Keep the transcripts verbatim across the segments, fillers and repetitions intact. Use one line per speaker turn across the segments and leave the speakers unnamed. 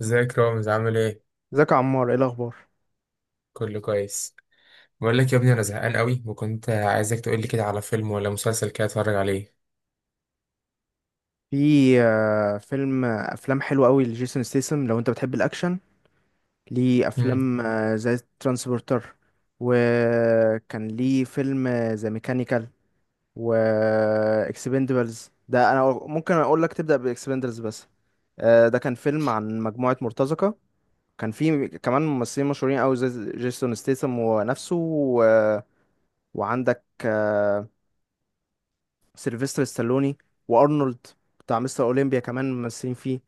ازيك يا رامز، عامل ايه؟
ازيك يا عمار، ايه الاخبار؟
كله كويس. بقول لك يا ابني، انا زهقان قوي وكنت عايزك تقول لي كده على فيلم ولا مسلسل كده اتفرج عليه.
في آه، فيلم آه، افلام حلوه قوي لجيسون ستيسم لو انت بتحب الاكشن. ليه
امم.
افلام آه، زي ترانسبورتر، وكان ليه فيلم آه، زي ميكانيكال، و آه، اكسبندبلز ده انا ممكن اقول لك تبدا باكسبندبلز. بس آه، ده كان فيلم عن مجموعه مرتزقه. كان فيه كمان ممثلين مشهورين قوي زي جيسون ستيسم ونفسه و... وعندك آه، سيلفستر ستالوني وارنولد بتاع مستر اولمبيا، كمان ممثلين فيه.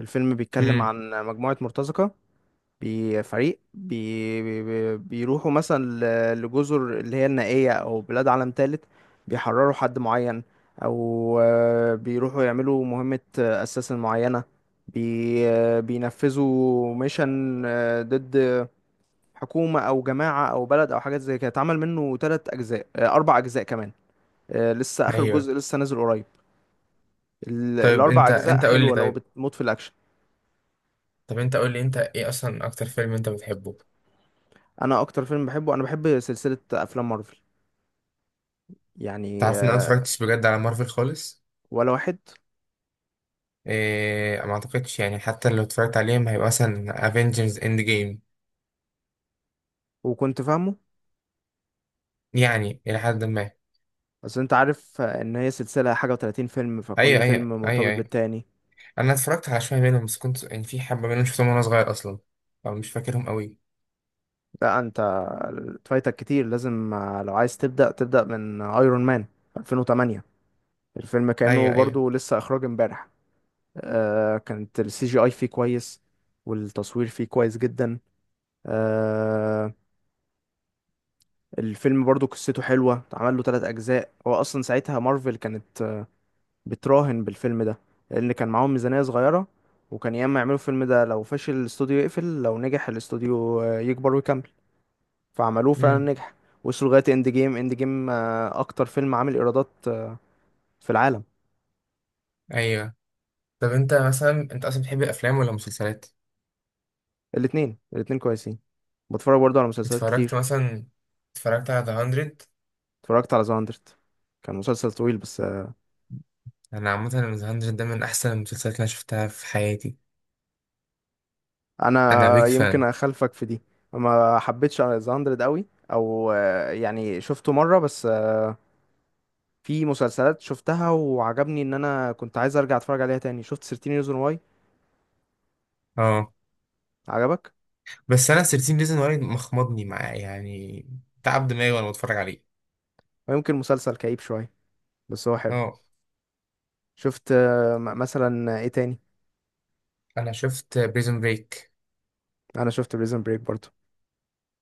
الفيلم بيتكلم
امم.
عن مجموعة مرتزقة بفريق بي بي بي- بيروحوا مثلا ل- لجزر اللي هي النائية او بلاد عالم تالت، بيحرروا حد معين، او آه، بيروحوا يعملوا مهمة آه، اساس معينة، بي آه، بينفذوا ميشن آه، ضد حكومة او جماعة او بلد او حاجات زي كده. اتعمل منه تلات اجزاء، آه، اربع اجزاء كمان. آه، لسه اخر
ايوه.
جزء لسه نازل قريب. ال-
طيب
الاربع
انت
اجزاء
انت قول لي،
حلوه لو
طيب،
بتموت في الاكشن.
طب انت قول لي انت ايه اصلا اكتر فيلم انت بتحبه؟
انا اكتر فيلم بحبه، انا بحب سلسله افلام مارفل. يعني
تعرف ان انا
آه،
متفرجتش بجد على مارفل خالص؟
ولا واحد.
إيه، ما اعتقدش يعني، حتى لو اتفرجت عليهم هيبقى مثلا افنجرز اند جيم.
وكنت فاهمه.
يعني الى حد ما.
بس انت عارف آه، ان هي سلسله حاجه و30 فيلم، فكل
ايوه،
فيلم
ايوه، ايوه،
مرتبط
ايوه.
بالتاني.
انا اتفرجت على شويه منهم، بس كنت يعني في حبه منهم شفتهم وانا صغير اصلا، فمش فاكرهم قوي.
لا انت فايتك كتير، لازم آه، لو عايز تبدا تبدا من ايرون مان ألفين وثمانية. الفيلم كانه
ايوه، ايوه.
برضو لسه اخراج امبارح. آه، كانت السي جي اي فيه كويس، والتصوير فيه كويس جدا. آه الفيلم برضو قصته حلوة، اتعمل له تلات أجزاء. هو أصلا ساعتها مارفل كانت آه، بتراهن بالفيلم ده، لأن كان معاهم ميزانية صغيرة، وكان ياما يعملوا الفيلم ده. لو فشل، الاستوديو يقفل، لو نجح، الاستوديو آه، يكبر ويكمل. فعملوه، فعلا
مم.
نجح. وصلوا لغاية اند جيم. اند جيم أكتر فيلم عامل إيرادات آه، في العالم.
ايوه. طب انت مثلا انت اصلا بتحب الافلام ولا المسلسلات؟
الاتنين الاتنين كويسين. بتفرج برضو على مسلسلات
اتفرجت
كتير.
مثلا اتفرجت على ذا هاندرد.
اتفرجت على ذا مية، كان مسلسل طويل بس.
انا عامه، ذا مية ده من احسن المسلسلات اللي انا شفتها في حياتي. انا
انا
بيج
يمكن
فان.
اخالفك في دي، ما حبيتش ذا مية قوي، او آه، يعني شفته مره بس. آه، في مسلسلات شفتها وعجبني ان انا كنت عايز ارجع اتفرج عليها تاني. شفت تلتاشر ريزون واي.
اه.
عجبك.
بس انا ثيرتين ريزون واي مخمضني معاه يعني، تعب دماغي وانا بتفرج عليه.
ويمكن مسلسل كئيب شويه، بس هو حلو.
اه
شفت آه، م- مثلا ايه تاني؟
انا شفت بريزون بريك.
انا شفت بريزن بريك برضو.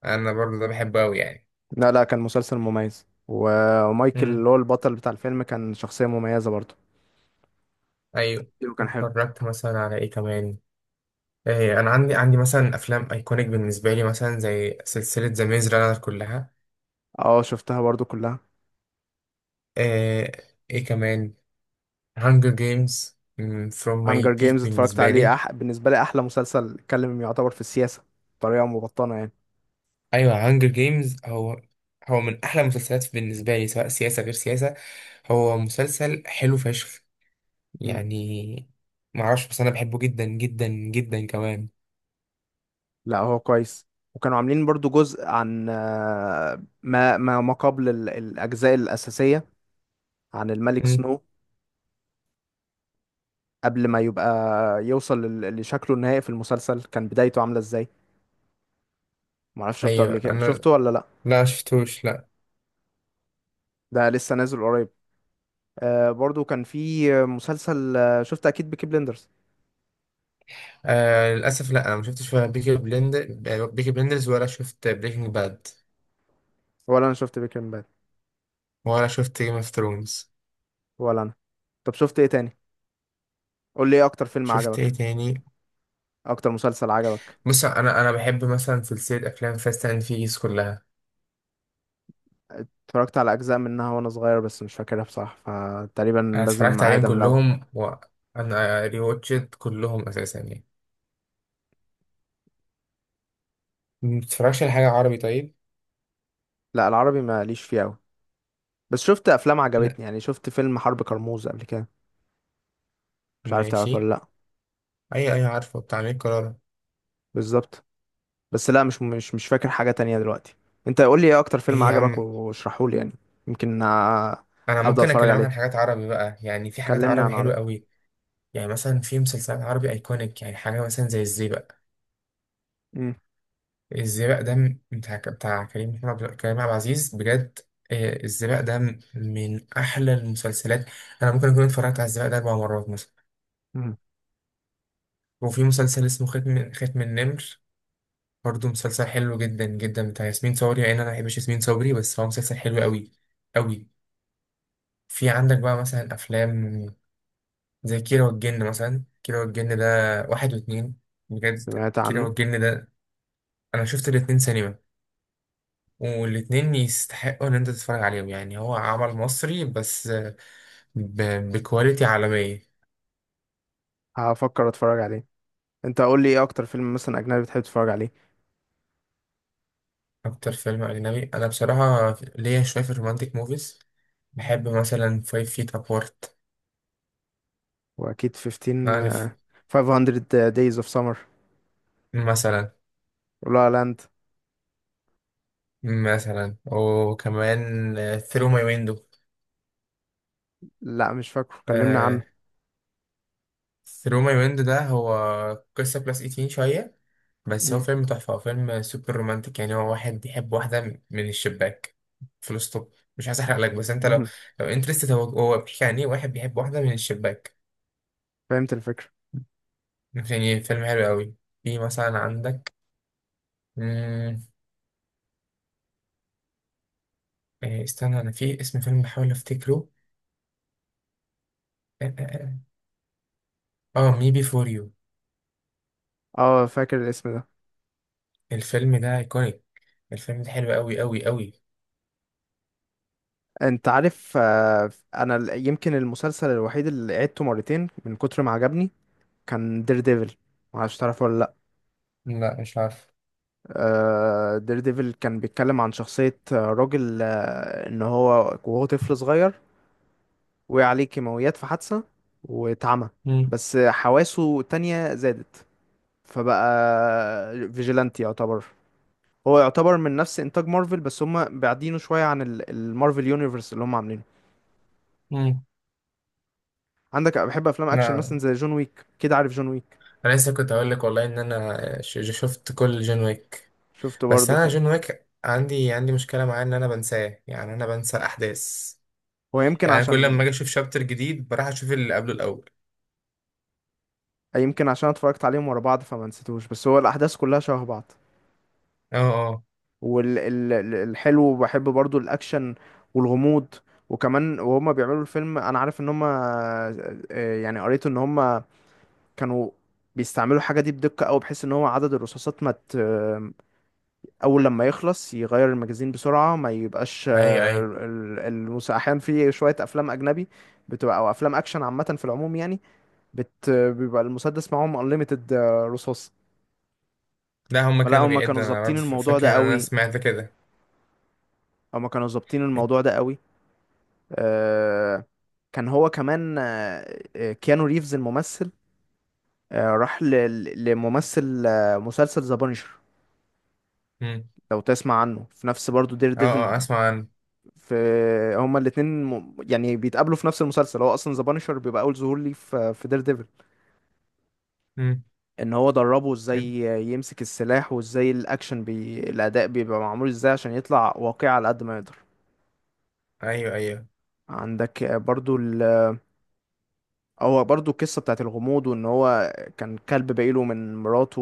انا برضه ده بحبه قوي يعني.
لا، لا، كان مسلسل مميز، و- ومايكل اللي
امم.
هو البطل بتاع الفيلم كان شخصيه مميزه برضو.
ايوه.
كان حلو.
اتفرجت مثلا على ايه كمان؟ ايه، انا عندي عندي مثلا افلام ايكونيك بالنسبه لي، مثلا زي سلسله ذا ميز رانر كلها.
اه، شفتها برضو كلها.
آه ايه كمان؟ هانجر جيمز، فروم ماي
هانجر
بيك
جيمز اتفرجت
بالنسبة لي.
عليه. أح... بالنسبة لي، أحلى مسلسل اتكلم يعتبر في السياسة بطريقة مبطنة يعني.
ايوه، هانجر جيمز هو هو من احلى المسلسلات بالنسبة لي، سواء سياسة غير سياسة. هو مسلسل حلو فشخ
مم.
يعني. معرفش، بس انا بحبه جدا جدا جدا كمان.
لا، هو كويس، وكانوا عاملين برضو جزء عن آه، ما ما ما قبل ال- الأجزاء الأساسية، عن الملك
مم.
سنو، قبل ما يبقى يوصل لل- لشكله النهائي في المسلسل، كان بدايته عاملة ازاي. معرفش شفته قبل
ايوه.
كده،
انا
شفته ولا لا؟
لا شفتوش، لا.
ده لسه نازل قريب. آه برضو كان في مسلسل. آه، شفت أكيد بيكي بلندرز؟
آه، للاسف لا، انا ما شفتش ولا بيكي بلندر، بيكي بلندرز، ولا شفت بريكنج باد،
ولا أنا شفت بيكي بلندرز،
ولا شفت جيم اوف ثرونز.
ولا أنا. طب شفت إيه تاني؟ قول لي إيه أكتر فيلم
شفت ايه
عجبك،
تاني؟
اكتر مسلسل عجبك.
بص، انا انا بحب مثلا سلسله افلام فاست اند فيريس كلها.
اتفرجت على اجزاء منها وانا صغير، بس مش فاكرها بصراحه، فتقريبا
انا
لازم
اتفرجت عليهم
اعيدها من الاول.
كلهم وانا ريواتشت كلهم اساسا يعني. ما بتتفرجش على حاجه عربي طيب؟
لا، العربي ماليش فيه قوي، بس شفت افلام
لا.
عجبتني. يعني شفت فيلم حرب كرموز قبل كده، مش عارف تعرفه
ماشي،
ولا لا؟
اي اي، عارفه، بتاع امير كرارة.
بالظبط. بس لا، مش مش مش فاكر حاجه تانية دلوقتي. انت قول لي ايه اكتر فيلم
ايه يا
عجبك
عم،
واشرحه لي يعني. يمكن آه،
انا
ابدا
ممكن
اتفرج
اكلمك عن
عليه.
حاجات عربي بقى، يعني في حاجات
كلمني
عربي
عن
حلوه
عربي.
قوي. يعني مثلا في مسلسلات عربي ايكونيك، يعني حاجه مثلا زي الزيبق. الزيبق ده م- بتاع بتاع كريم محمود عبد- كريم عبد العزيز، بجد. آه، الزيبق ده م- من احلى المسلسلات. انا ممكن اكون اتفرجت على الزيبق ده اربع مرات مثلا.
امم.
وفي مسلسل اسمه ختم ختم النمر، برضه مسلسل حلو جدا جدا بتاع ياسمين صبري، يعني انا ما بحبش ياسمين صبري بس هو مسلسل حلو قوي قوي. في عندك بقى مثلا افلام زي كيرة والجن، مثلا كيرة والجن ده واحد واتنين. بجد
سمعت
كيرة
عنه.
والجن ده، انا شفت الاتنين سينما، والاتنين يستحقوا ان انت تتفرج عليهم، يعني هو عمل مصري بس ب... بكواليتي عالمية.
هفكر اتفرج عليه. انت قول لي ايه اكتر فيلم مثلا اجنبي بتحب تتفرج عليه.
اكتر فيلم اجنبي انا بصراحة ليا شوية في الرومانتيك موفيز. بحب مثلا فايف فيت ابارت،
واكيد خمستاشر.
عارف.
آه، five hundred days of summer،
مثلا،
ولا لاند.
مثلا وكمان ثرو ماي ويندو.
لا، مش فاكره، كلمنا عنه.
ثرو ماي ويندو ده، هو قصة بلس تمنتاشر شوية، بس هو
مم.
فيلم تحفة، هو فيلم سوبر رومانتك يعني. هو واحد بيحب واحدة من الشباك، فول ستوب. مش عايز احرق لك، بس انت لو
مم.
لو انترستد، هو هو بيحكي عن ايه؟ واحد بيحب واحدة من الشباك.
فهمت الفكرة.
يعني فيلم حلو قوي. في مثلا عندك. مم، آه، استنى، انا في اسم فيلم بحاول افتكره. اه مي بي فور يو.
اه، فاكر الاسم ده.
الفيلم ده ايكونيك. الفيلم ده حلو قوي قوي قوي.
انت عارف آه، انا ال- يمكن المسلسل الوحيد اللي عدته مرتين من كتر ما عجبني كان دير ديفل. معرفش تعرفه ولا لا؟
لا، مش عارف.
آه، دير ديفل كان بيتكلم عن شخصية آه، راجل، آه، ان هو وهو طفل صغير وقع عليه كيماويات في حادثة واتعمى،
مم.
بس حواسه تانية زادت، فبقى فيجيلانتي يعتبر. هو يعتبر من نفس انتاج مارفل، بس هم بعدينه شويه عن ال- المارفل يونيفرس اللي هم عاملينه.
مم.
عندك بحب افلام اكشن
لا،
مثلا زي جون ويك، كده عارف جون ويك؟
انا لسه كنت هقول لك والله ان انا ش- شفت كل جون ويك.
شفته
بس
برضو.
انا
كان
جون ويك عندي عندي مشكله معاه، ان انا بنساه، يعني انا بنسى الاحداث.
هو يمكن
يعني كل
عشان
لما اجي اشوف شابتر جديد بروح اشوف اللي قبله الاول.
يمكن عشان اتفرجت عليهم ورا بعض، فما نسيتوش. بس هو الاحداث كلها شبه بعض.
اه. اه.
والحلو بحب برضو الاكشن والغموض، وكمان وهما بيعملوا الفيلم، انا عارف ان هما آه، يعني قريت ان هما كانوا بيستعملوا الحاجة دي بدقة أوي، بحيث إن هو عدد الرصاصات ما ت... أول لما يخلص يغير المجازين بسرعة، ما يبقاش
اي
آه،
اي.
ال- المس... أحيانا في شوية أفلام أجنبي بتبقى أو أفلام أكشن عامة في العموم يعني، بت... بيبقى المسدس معاهم unlimited آه، رصاص.
لا، هما
فلا،
كانوا
هما كانوا
بيعدوا، انا
ظابطين
برضه ف-
الموضوع
فاكر
ده
ان انا
أوي،
سمعت كده.
هما كانوا ظابطين الموضوع ده أوي. آه، كان هو كمان آه، آه، كيانو ريفز الممثل آه، راح ل... ل- لممثل آه، مسلسل ذا بانشر،
امم.
لو تسمع عنه، في نفس برضو دير
اه.
ديفل.
اه. اسمع عنه.
في هما الاتنين م- يعني بيتقابلوا في نفس المسلسل. هو اصلا ذا بانشر بيبقى اول ظهور ليه في في دير ديفل.
امم.
ان هو دربه ازاي يمسك السلاح، وازاي الاكشن بي... الاداء بيبقى معمول ازاي عشان يطلع واقعي على قد ما يقدر.
ايوه، ايوه،
عندك برضو ال... هو برضو القصة بتاعت الغموض، وان هو كان كلب باقيله من مراته،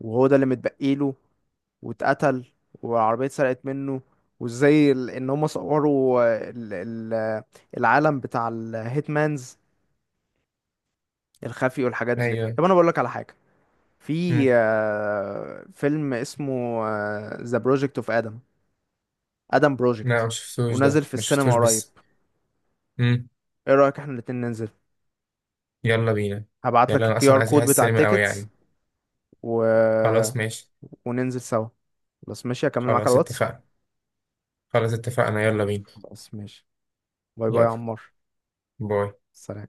وهو ده اللي متبقيله واتقتل، والعربية اتسرقت منه، وازاي ال- ان هم صوروا ال- ال- العالم بتاع الهيتمانز الخفي والحاجات دي.
ايوه.
طب انا بقول لك على حاجة، في
امم.
آه، فيلم اسمه ذا بروجكت اوف ادم، ادم
لا،
بروجكت،
ما شفتوش
ونازل
ده،
في
ما
السينما
شفتوش،
قريب.
بس. مم.
ايه رأيك احنا الاتنين ننزل؟
يلا بينا.
هبعت
يلا،
لك
انا
الكي
اصلا
ار
عايز اروح
كود بتاع
السينما قوي
التيكتس.
يعني.
و
خلاص ماشي.
وننزل سوا، بس ماشي، اكمل معاك على
خلاص
الواتس.
اتفقنا. خلاص اتفقنا، يلا بينا.
بس ماشي. باي باي يا
يلا،
عمار.
باي.
سلام.